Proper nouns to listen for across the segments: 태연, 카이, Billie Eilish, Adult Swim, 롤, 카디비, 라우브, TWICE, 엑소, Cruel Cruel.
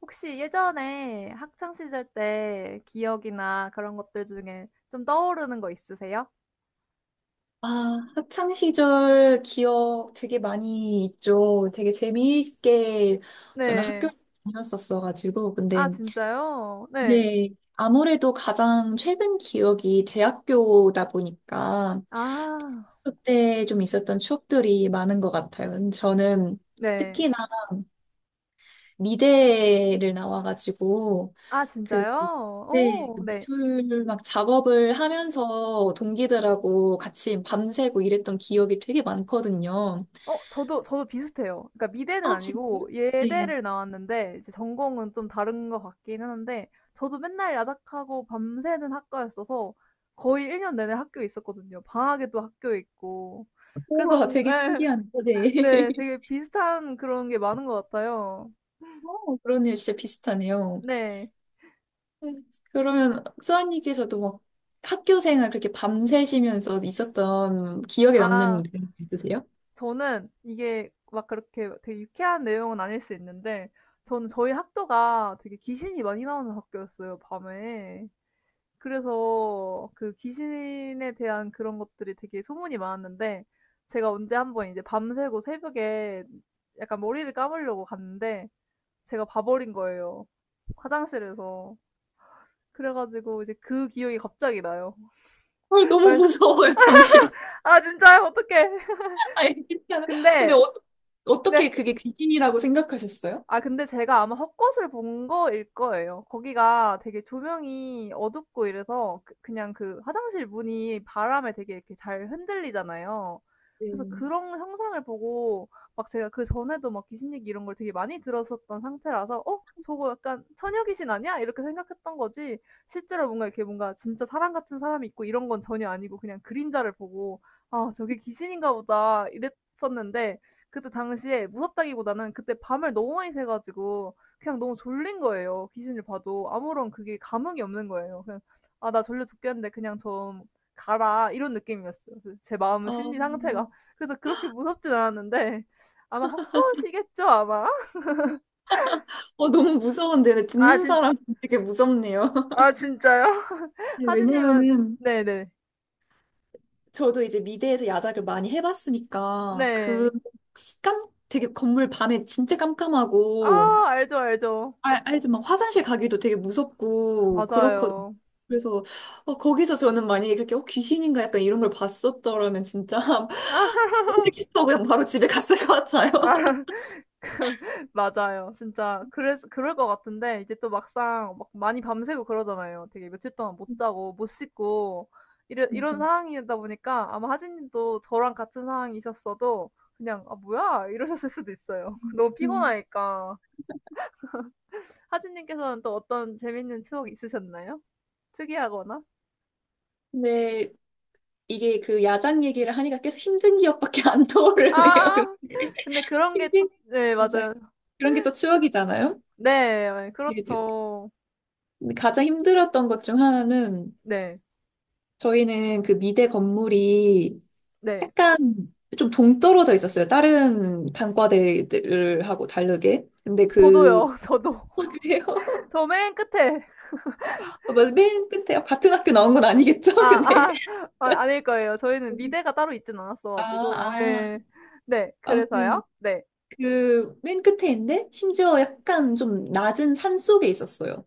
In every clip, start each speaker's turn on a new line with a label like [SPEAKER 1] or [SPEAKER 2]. [SPEAKER 1] 혹시 예전에 학창 시절 때 기억이나 그런 것들 중에 좀 떠오르는 거 있으세요?
[SPEAKER 2] 아, 학창 시절 기억 되게 많이 있죠. 되게 재미있게 저는
[SPEAKER 1] 네.
[SPEAKER 2] 학교를 다녔었어가지고.
[SPEAKER 1] 아
[SPEAKER 2] 근데,
[SPEAKER 1] 진짜요? 네.
[SPEAKER 2] 네, 아무래도 가장 최근 기억이 대학교다 보니까
[SPEAKER 1] 아.
[SPEAKER 2] 그때 좀 있었던 추억들이 많은 것 같아요. 근데 저는
[SPEAKER 1] 네.
[SPEAKER 2] 특히나 미대를 나와가지고
[SPEAKER 1] 아
[SPEAKER 2] 그
[SPEAKER 1] 진짜요?
[SPEAKER 2] 네,
[SPEAKER 1] 오
[SPEAKER 2] 그
[SPEAKER 1] 네.
[SPEAKER 2] 미술 막 작업을 하면서 동기들하고 같이 밤새고 이랬던 기억이 되게 많거든요.
[SPEAKER 1] 어 저도 비슷해요. 그러니까 미대는
[SPEAKER 2] 아, 진짜요?
[SPEAKER 1] 아니고
[SPEAKER 2] 네.
[SPEAKER 1] 예대를 나왔는데 이제 전공은 좀 다른 것 같기는 한데 저도 맨날 야작하고 밤새는 학과였어서 거의 1년 내내 학교에 있었거든요. 방학에도 학교에 있고. 그래서
[SPEAKER 2] 우와,
[SPEAKER 1] 뭔
[SPEAKER 2] 되게
[SPEAKER 1] 예.
[SPEAKER 2] 신기한데. 네.
[SPEAKER 1] 네. 되게 비슷한 그런 게 많은 것 같아요.
[SPEAKER 2] 어, 그러네요. 진짜 비슷하네요.
[SPEAKER 1] 네.
[SPEAKER 2] 네, 그러면 수아님께서도 막 학교 생활 그렇게 밤새시면서 있었던 기억에
[SPEAKER 1] 아
[SPEAKER 2] 남는 그런 게 있으세요?
[SPEAKER 1] 저는 이게 막 그렇게 되게 유쾌한 내용은 아닐 수 있는데 저는 저희 학교가 되게 귀신이 많이 나오는 학교였어요 밤에. 그래서 그 귀신에 대한 그런 것들이 되게 소문이 많았는데 제가 언제 한번 이제 밤새고 새벽에 약간 머리를 감으려고 갔는데 제가 봐 버린 거예요 화장실에서. 그래 가지고 이제 그 기억이 갑자기 나요.
[SPEAKER 2] 헐, 너무
[SPEAKER 1] 말,
[SPEAKER 2] 무서워요. 잠시만.
[SPEAKER 1] 아 진짜요? 어떡해.
[SPEAKER 2] 아니, 괜찮아요. 근데
[SPEAKER 1] 근데
[SPEAKER 2] 어, 어떻게
[SPEAKER 1] 네.
[SPEAKER 2] 그게 귀신이라고 생각하셨어요?
[SPEAKER 1] 아 근데 제가 아마 헛것을 본 거일 거예요. 거기가 되게 조명이 어둡고 이래서 그 그냥 그 화장실 문이 바람에 되게 이렇게 잘 흔들리잖아요. 그래서
[SPEAKER 2] 네.
[SPEAKER 1] 그런 형상을 보고 막 제가 그전에도 막 귀신 얘기 이런 걸 되게 많이 들었었던 상태라서 '어 저거 약간 처녀 귀신 아니야?' 이렇게 생각했던 거지 실제로 뭔가 이렇게 뭔가 진짜 사람 같은 사람이 있고 이런 건 전혀 아니고 그냥 그림자를 보고 '아 저게 귀신인가 보다.' 이랬었는데 그때 당시에 무섭다기보다는 그때 밤을 너무 많이 새 가지고 그냥 너무 졸린 거예요. 귀신을 봐도 아무런 그게 감흥이 없는 거예요. 그냥 '아 나 졸려 죽겠는데 그냥 좀 가라.' 이런 느낌이었어요. 그제 마음
[SPEAKER 2] 어,
[SPEAKER 1] 심리 상태가. 그래서 그렇게 무섭진 않았는데 아마 헛것이겠죠 아마?
[SPEAKER 2] 너무 무서운데
[SPEAKER 1] 아
[SPEAKER 2] 듣는
[SPEAKER 1] 진
[SPEAKER 2] 사람 되게 무섭네요.
[SPEAKER 1] 아 진짜요?
[SPEAKER 2] 네,
[SPEAKER 1] 하진 님은
[SPEAKER 2] 왜냐면은
[SPEAKER 1] 네네.
[SPEAKER 2] 저도 이제 미대에서 야작을 많이 해봤으니까 그
[SPEAKER 1] 네.
[SPEAKER 2] 깜, 되게 건물 밤에 진짜 깜깜하고
[SPEAKER 1] 아 알죠, 알죠.
[SPEAKER 2] 알, 알죠? 막 화장실 가기도 되게 무섭고 그렇거든요.
[SPEAKER 1] 맞아요.
[SPEAKER 2] 그래서 어, 거기서 저는 만약에 그렇게 어, 귀신인가 약간 이런 걸 봤었더라면 진짜 택시 타고 그냥 바로 집에 갔을 것 같아요.
[SPEAKER 1] 맞아요. 진짜 그래서 그럴 것 같은데 이제 또 막상 막 많이 밤새고 그러잖아요. 되게 며칠 동안 못 자고 못 씻고 이런
[SPEAKER 2] 맞아요.
[SPEAKER 1] 상황이다 보니까 아마 하진 님도 저랑 같은 상황이셨어도 그냥 '아 뭐야?' 이러셨을 수도 있어요. 너무
[SPEAKER 2] 음,
[SPEAKER 1] 피곤하니까. 하진 님께서는 또 어떤 재밌는 추억 있으셨나요? 특이하거나?
[SPEAKER 2] 근데 이게 그 야작 얘기를 하니까 계속 힘든 기억밖에 안 떠오르네요.
[SPEAKER 1] 아.
[SPEAKER 2] 근데
[SPEAKER 1] 근데 그런 게 또
[SPEAKER 2] 힘든
[SPEAKER 1] 네
[SPEAKER 2] 맞아요.
[SPEAKER 1] 맞아요.
[SPEAKER 2] 그런 게 또 추억이잖아요.
[SPEAKER 1] 네. 네, 그렇죠.
[SPEAKER 2] 가장 힘들었던 것 중 하나는
[SPEAKER 1] 네.
[SPEAKER 2] 저희는 그 미대 건물이
[SPEAKER 1] 네.
[SPEAKER 2] 약간 좀 동떨어져 있었어요. 다른 단과대들하고 다르게. 근데 그,
[SPEAKER 1] 저도요. 저도.
[SPEAKER 2] 아, 그래요?
[SPEAKER 1] 저 맨 끝에.
[SPEAKER 2] 맞아, 맨 끝에 같은 학교 나온 건 아니겠죠?
[SPEAKER 1] 아.
[SPEAKER 2] 근데
[SPEAKER 1] 아 아, 아닐 거예요. 저희는
[SPEAKER 2] 여기.
[SPEAKER 1] 미대가 따로 있진 않았어
[SPEAKER 2] 아,
[SPEAKER 1] 가지고.
[SPEAKER 2] 아.
[SPEAKER 1] 예. 네.
[SPEAKER 2] 아무튼
[SPEAKER 1] 그래서요. 네.
[SPEAKER 2] 그 맨 끝에인데 심지어 약간 좀 낮은 산 속에 있었어요.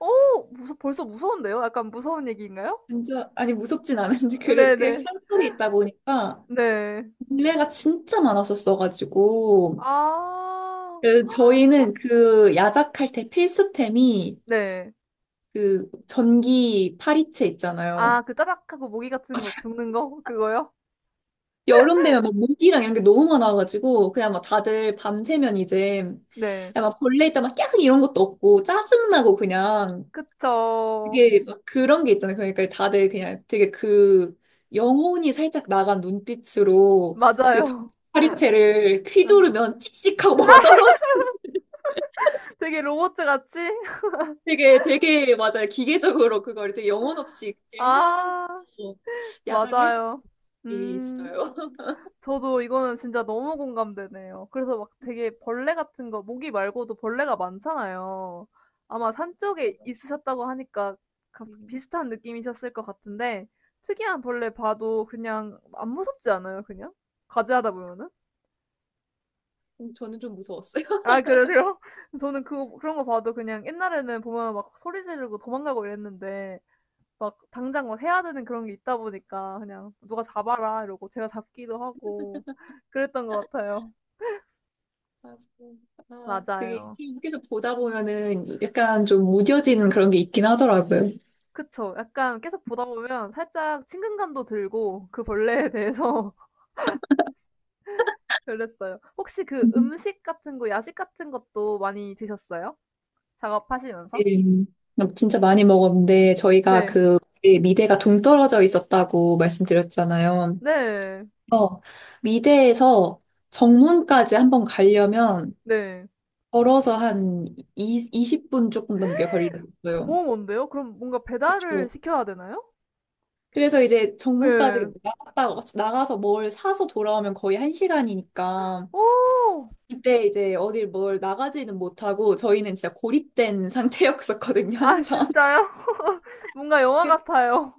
[SPEAKER 1] 어 무서 벌써 무서운데요? 약간 무서운 얘기인가요?
[SPEAKER 2] 진짜 아니 무섭진 않은데 그렇게
[SPEAKER 1] 네네.
[SPEAKER 2] 산 속에 있다 보니까
[SPEAKER 1] 네.
[SPEAKER 2] 벌레가 진짜 많았었어가지고
[SPEAKER 1] 아.
[SPEAKER 2] 그 저희는 그 야작할 때 필수템이
[SPEAKER 1] 네.
[SPEAKER 2] 그 전기 파리채 있잖아요.
[SPEAKER 1] 아 그 짜작하고 모기 같은 거 죽는 거? 그거요?
[SPEAKER 2] 여름 되면 막 모기랑 이런 게 너무 많아가지고 그냥 막 다들 밤새면 이제 그냥
[SPEAKER 1] 네.
[SPEAKER 2] 막 벌레 있다 막 깨악 이런 것도 없고 짜증나고 그냥
[SPEAKER 1] 그쵸.
[SPEAKER 2] 그게 막 그런 게 있잖아요. 그러니까 다들 그냥 되게 그 영혼이 살짝 나간 눈빛으로 그 전기
[SPEAKER 1] 맞아요.
[SPEAKER 2] 파리채를 휘두르면 칙칙하고 뭐가 떨어
[SPEAKER 1] 되게 로봇 같이?
[SPEAKER 2] 되게 맞아요. 기계적으로 그걸 되게 영혼 없이 그렇게 하면서
[SPEAKER 1] 아
[SPEAKER 2] 야작을 했던
[SPEAKER 1] 맞아요.
[SPEAKER 2] 게
[SPEAKER 1] 음.
[SPEAKER 2] 있어요.
[SPEAKER 1] 저도 이거는 진짜 너무 공감되네요. 그래서 막 되게 벌레 같은 거 모기 말고도 벌레가 많잖아요. 아마 산 쪽에 있으셨다고 하니까 가-
[SPEAKER 2] 음,
[SPEAKER 1] 비슷한 느낌이셨을 것 같은데 특이한 벌레 봐도 그냥 안 무섭지 않아요, 그냥? 과제하다 보면은?
[SPEAKER 2] 저는 좀 무서웠어요.
[SPEAKER 1] 아, 그러세요? 저는 그 그런 거 봐도 그냥 옛날에는 보면 막 소리 지르고 도망가고 이랬는데 막 당장 막 해야 되는 그런 게 있다 보니까 그냥 누가 잡아라 이러고 제가 잡기도 하고 그랬던 것 같아요.
[SPEAKER 2] 맞아요. 아, 그게
[SPEAKER 1] 맞아요.
[SPEAKER 2] 계속 보다 보면은 약간 좀 무뎌지는 그런 게 있긴 하더라고요.
[SPEAKER 1] 그쵸. 약간 계속 보다 보면 살짝 친근감도 들고 그 벌레에 대해서 그랬어요. 혹시 그
[SPEAKER 2] 음.
[SPEAKER 1] 음식 같은 거 야식 같은 것도 많이 드셨어요? 작업하시면서?
[SPEAKER 2] 네. 진짜 많이 먹었는데 저희가
[SPEAKER 1] 네.
[SPEAKER 2] 그 미대가 동떨어져 있었다고 말씀드렸잖아요.
[SPEAKER 1] 네.
[SPEAKER 2] 어, 미대에서 정문까지 한번 가려면
[SPEAKER 1] 네.
[SPEAKER 2] 걸어서 한 이, 20분 조금 넘게 걸렸어요.
[SPEAKER 1] 너무 먼데요? 그럼 뭔가 배달을
[SPEAKER 2] 그렇죠.
[SPEAKER 1] 시켜야 되나요?
[SPEAKER 2] 그래서 이제
[SPEAKER 1] 예.
[SPEAKER 2] 정문까지 나갔다, 나가서 뭘 사서 돌아오면 거의 한시간이니까
[SPEAKER 1] 오,
[SPEAKER 2] 그때 이제 어딜 뭘 나가지는 못하고 저희는 진짜 고립된 상태였었거든요,
[SPEAKER 1] 아
[SPEAKER 2] 항상.
[SPEAKER 1] 진짜요? 뭔가 영화 같아요.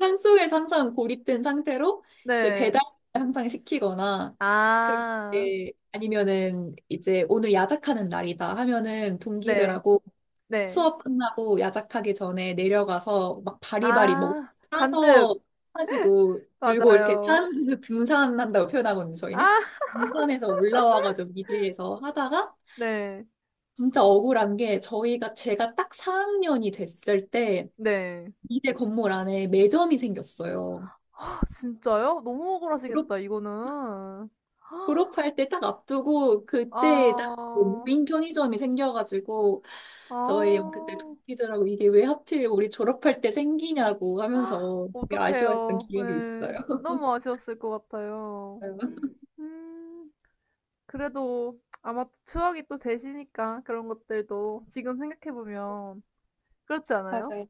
[SPEAKER 2] 산속에 항상 고립된 상태로 이제
[SPEAKER 1] 네.
[SPEAKER 2] 배달 항상 시키거나
[SPEAKER 1] 아.
[SPEAKER 2] 그렇게 아니면은 이제 오늘 야작하는 날이다 하면은
[SPEAKER 1] 네.
[SPEAKER 2] 동기들하고
[SPEAKER 1] 네.
[SPEAKER 2] 수업 끝나고 야작하기 전에 내려가서 막 바리바리 먹
[SPEAKER 1] 아.
[SPEAKER 2] 사서
[SPEAKER 1] 잔뜩.
[SPEAKER 2] 가지고 들고 이렇게
[SPEAKER 1] 맞아요.
[SPEAKER 2] 산 등산한다고 표현하거든요, 저희는.
[SPEAKER 1] 아.
[SPEAKER 2] 등산에서 올라와가지고 미대에서 하다가
[SPEAKER 1] 네.
[SPEAKER 2] 진짜 억울한 게 저희가 제가 딱 4학년이 됐을 때
[SPEAKER 1] 네.
[SPEAKER 2] 미대 건물 안에 매점이 생겼어요.
[SPEAKER 1] 아 진짜요? 너무
[SPEAKER 2] 졸업,
[SPEAKER 1] 억울하시겠다 이거는.
[SPEAKER 2] 졸업할 때 딱 앞두고 그때 딱 그
[SPEAKER 1] 아.
[SPEAKER 2] 무인 편의점이 생겨가지고
[SPEAKER 1] 아.
[SPEAKER 2] 저희 그때 동기들하고 이게 왜 하필 우리 졸업할 때 생기냐고 하면서 되게 아쉬워했던
[SPEAKER 1] 어떡해요.
[SPEAKER 2] 기억이
[SPEAKER 1] 예.
[SPEAKER 2] 있어요.
[SPEAKER 1] 너무 아쉬웠을 것 같아요. 음. 그래도 아마 추억이 또 되시니까 그런 것들도 지금 생각해 보면 그렇지 않아요?
[SPEAKER 2] 맞아요.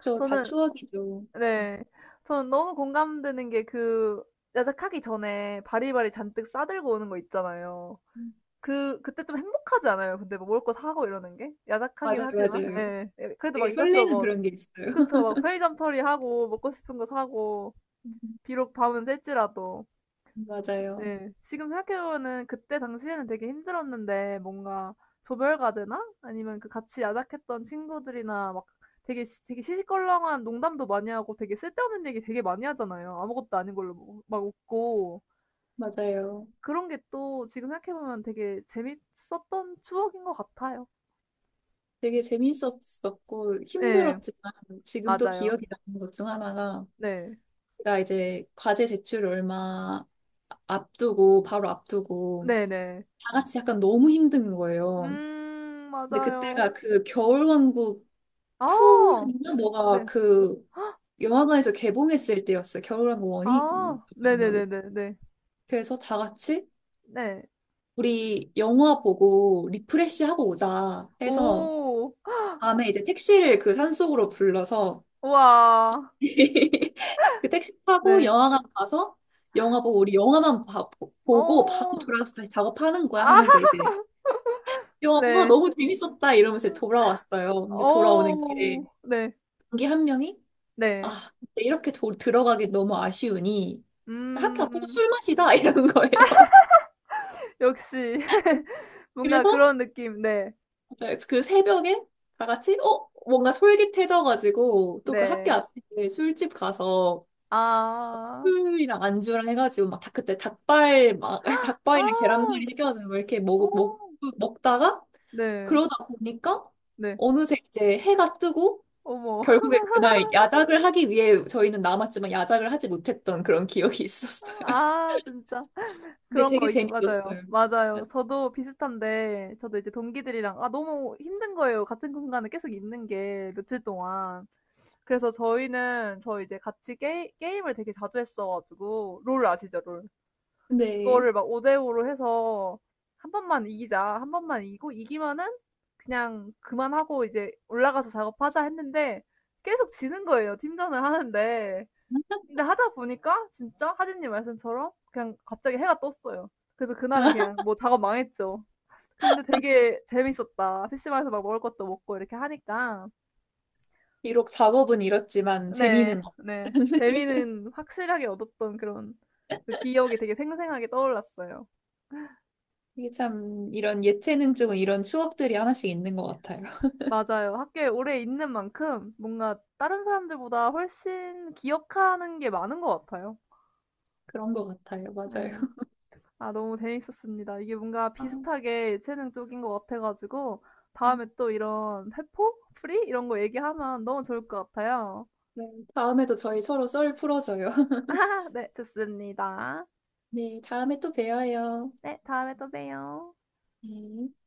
[SPEAKER 2] 저 다
[SPEAKER 1] 저는
[SPEAKER 2] 추억이죠.
[SPEAKER 1] 네. 저는 너무 공감되는 게 그 야작하기 전에 바리바리 잔뜩 싸 들고 오는 거 있잖아요.
[SPEAKER 2] 음.
[SPEAKER 1] 그 그때 좀 행복하지 않아요? 근데 뭐 먹을 거 사고 이러는 게? 야작하긴
[SPEAKER 2] 맞아요,
[SPEAKER 1] 하지만
[SPEAKER 2] 맞아요.
[SPEAKER 1] 예. 예 그래도
[SPEAKER 2] 되게
[SPEAKER 1] 막
[SPEAKER 2] 설레는
[SPEAKER 1] 이것저것
[SPEAKER 2] 그런 게 있어요.
[SPEAKER 1] 그쵸. 막 편의점 털이하고 먹고 싶은 거 사고
[SPEAKER 2] 음.
[SPEAKER 1] 비록 밤은 셀지라도.
[SPEAKER 2] 맞아요,
[SPEAKER 1] 네. 지금 생각해 보면은 그때 당시에는 되게 힘들었는데 뭔가 조별 과제나 아니면 그 같이 야작했던 친구들이나 막 되게 시시껄렁한 농담도 많이 하고 되게 쓸데없는 얘기 되게 많이 하잖아요. 아무것도 아닌 걸로 뭐 막 웃고.
[SPEAKER 2] 맞아요.
[SPEAKER 1] 그런 게 또 지금 생각해 보면 되게 재밌었던 추억인 것 같아요.
[SPEAKER 2] 되게 재밌었었고
[SPEAKER 1] 네
[SPEAKER 2] 힘들었지만 지금 또
[SPEAKER 1] 맞아요.
[SPEAKER 2] 기억이 나는 것 중 하나가
[SPEAKER 1] 네.
[SPEAKER 2] 제가 이제 과제 제출 얼마 앞두고 바로 앞두고
[SPEAKER 1] 네네.
[SPEAKER 2] 다 같이 약간 너무 힘든 거예요. 근데
[SPEAKER 1] 맞아요.
[SPEAKER 2] 그때가 그 겨울왕국
[SPEAKER 1] 아
[SPEAKER 2] 2였나? 뭐가
[SPEAKER 1] 네.
[SPEAKER 2] 그 영화관에서 개봉했을 때였어요. 겨울왕국 1이
[SPEAKER 1] 아
[SPEAKER 2] 아마도.
[SPEAKER 1] 네네네네 네. 네.
[SPEAKER 2] 그래서 다 같이
[SPEAKER 1] 네, 네. 네.
[SPEAKER 2] 우리 영화 보고 리프레시 하고 오자 해서
[SPEAKER 1] 오.
[SPEAKER 2] 밤에 이제 택시를 그 산속으로 불러서
[SPEAKER 1] 우와.
[SPEAKER 2] 그 택시 타고
[SPEAKER 1] 네.
[SPEAKER 2] 영화관 가서 영화 보고 우리 보고 바로
[SPEAKER 1] 어.
[SPEAKER 2] 돌아가서 다시 작업하는 거야
[SPEAKER 1] 아
[SPEAKER 2] 하면서 이제 영화 보고 아,
[SPEAKER 1] 네.
[SPEAKER 2] 너무 재밌었다 이러면서 돌아왔어요. 근데 돌아오는 길에
[SPEAKER 1] 어. 네.
[SPEAKER 2] 동기 한 명이
[SPEAKER 1] 네.
[SPEAKER 2] 아, 근데 이렇게 도, 들어가기 너무 아쉬우니 학교 앞에서
[SPEAKER 1] 음.
[SPEAKER 2] 술 마시자 이런 거예요.
[SPEAKER 1] 역시 뭔가
[SPEAKER 2] 그래서
[SPEAKER 1] 그런 느낌. 네.
[SPEAKER 2] 그 새벽에 다 같이 어 뭔가 솔깃해져가지고 또 그 학교
[SPEAKER 1] 네.
[SPEAKER 2] 앞에 술집 가서
[SPEAKER 1] 아.
[SPEAKER 2] 술이랑 안주랑 해가지고 막 다 그때 닭발 막 닭발이랑
[SPEAKER 1] 아.
[SPEAKER 2] 계란말이 시켜가지고 막 이렇게
[SPEAKER 1] 어.
[SPEAKER 2] 먹, 먹 먹다가
[SPEAKER 1] 네.
[SPEAKER 2] 그러다 보니까
[SPEAKER 1] 네.
[SPEAKER 2] 어느새 이제 해가 뜨고
[SPEAKER 1] 어머.
[SPEAKER 2] 결국에 그날 야작을 하기 위해 저희는 남았지만 야작을 하지 못했던 그런 기억이 있었어요.
[SPEAKER 1] 아 진짜.
[SPEAKER 2] 근데
[SPEAKER 1] 그런
[SPEAKER 2] 되게
[SPEAKER 1] 거 있 맞아요.
[SPEAKER 2] 재밌었어요.
[SPEAKER 1] 맞아요. 저도 비슷한데 저도 이제 동기들이랑 아 너무 힘든 거예요, 같은 공간에 계속 있는 게 며칠 동안. 그래서 저희는 저 이제 같이 게 게임을 되게 자주 했어 가지고 롤 아시죠? 롤.
[SPEAKER 2] 네.
[SPEAKER 1] 그거를 막 5 대5로 해서 한 번만 이기자. 한 번만 이기고 이기면은 그냥 그만하고 이제 '올라가서 작업하자.' 했는데 계속 지는 거예요, 팀전을 하는데. 근데 하다 보니까 진짜 하진님 말씀처럼 그냥 갑자기 해가 떴어요. 그래서 그날은 그냥 뭐 작업 망했죠. 근데 되게 재밌었다. PC방에서 막 먹을 것도 먹고 이렇게 하니까.
[SPEAKER 2] 비록 작업은 이렇지만
[SPEAKER 1] 네,
[SPEAKER 2] 재미는 없
[SPEAKER 1] 네. 재미는 확실하게 얻었던 그런 그 기억이 되게 생생하게 떠올랐어요.
[SPEAKER 2] 이게 참 이런 예체능 쪽은 이런 추억들이 하나씩 있는 것 같아요.
[SPEAKER 1] 맞아요. 학교에 오래 있는 만큼 뭔가 다른 사람들보다 훨씬 기억하는 게 많은 것 같아요.
[SPEAKER 2] 그런 것 같아요. 맞아요.
[SPEAKER 1] 네, 아, 너무 재밌었습니다. 이게 뭔가
[SPEAKER 2] 아,
[SPEAKER 1] 비슷하게 예체능 쪽인 것 같아가지고,
[SPEAKER 2] 음.
[SPEAKER 1] 다음에 또 이런 세포? 프리? 이런 거 얘기하면 너무 좋을 것 같아요.
[SPEAKER 2] 네. 다음에도 저희 서로 썰 풀어줘요.
[SPEAKER 1] 아, 네, 좋습니다.
[SPEAKER 2] 네, 다음에 또 봬요.
[SPEAKER 1] 네, 다음에 또 봬요.
[SPEAKER 2] 네.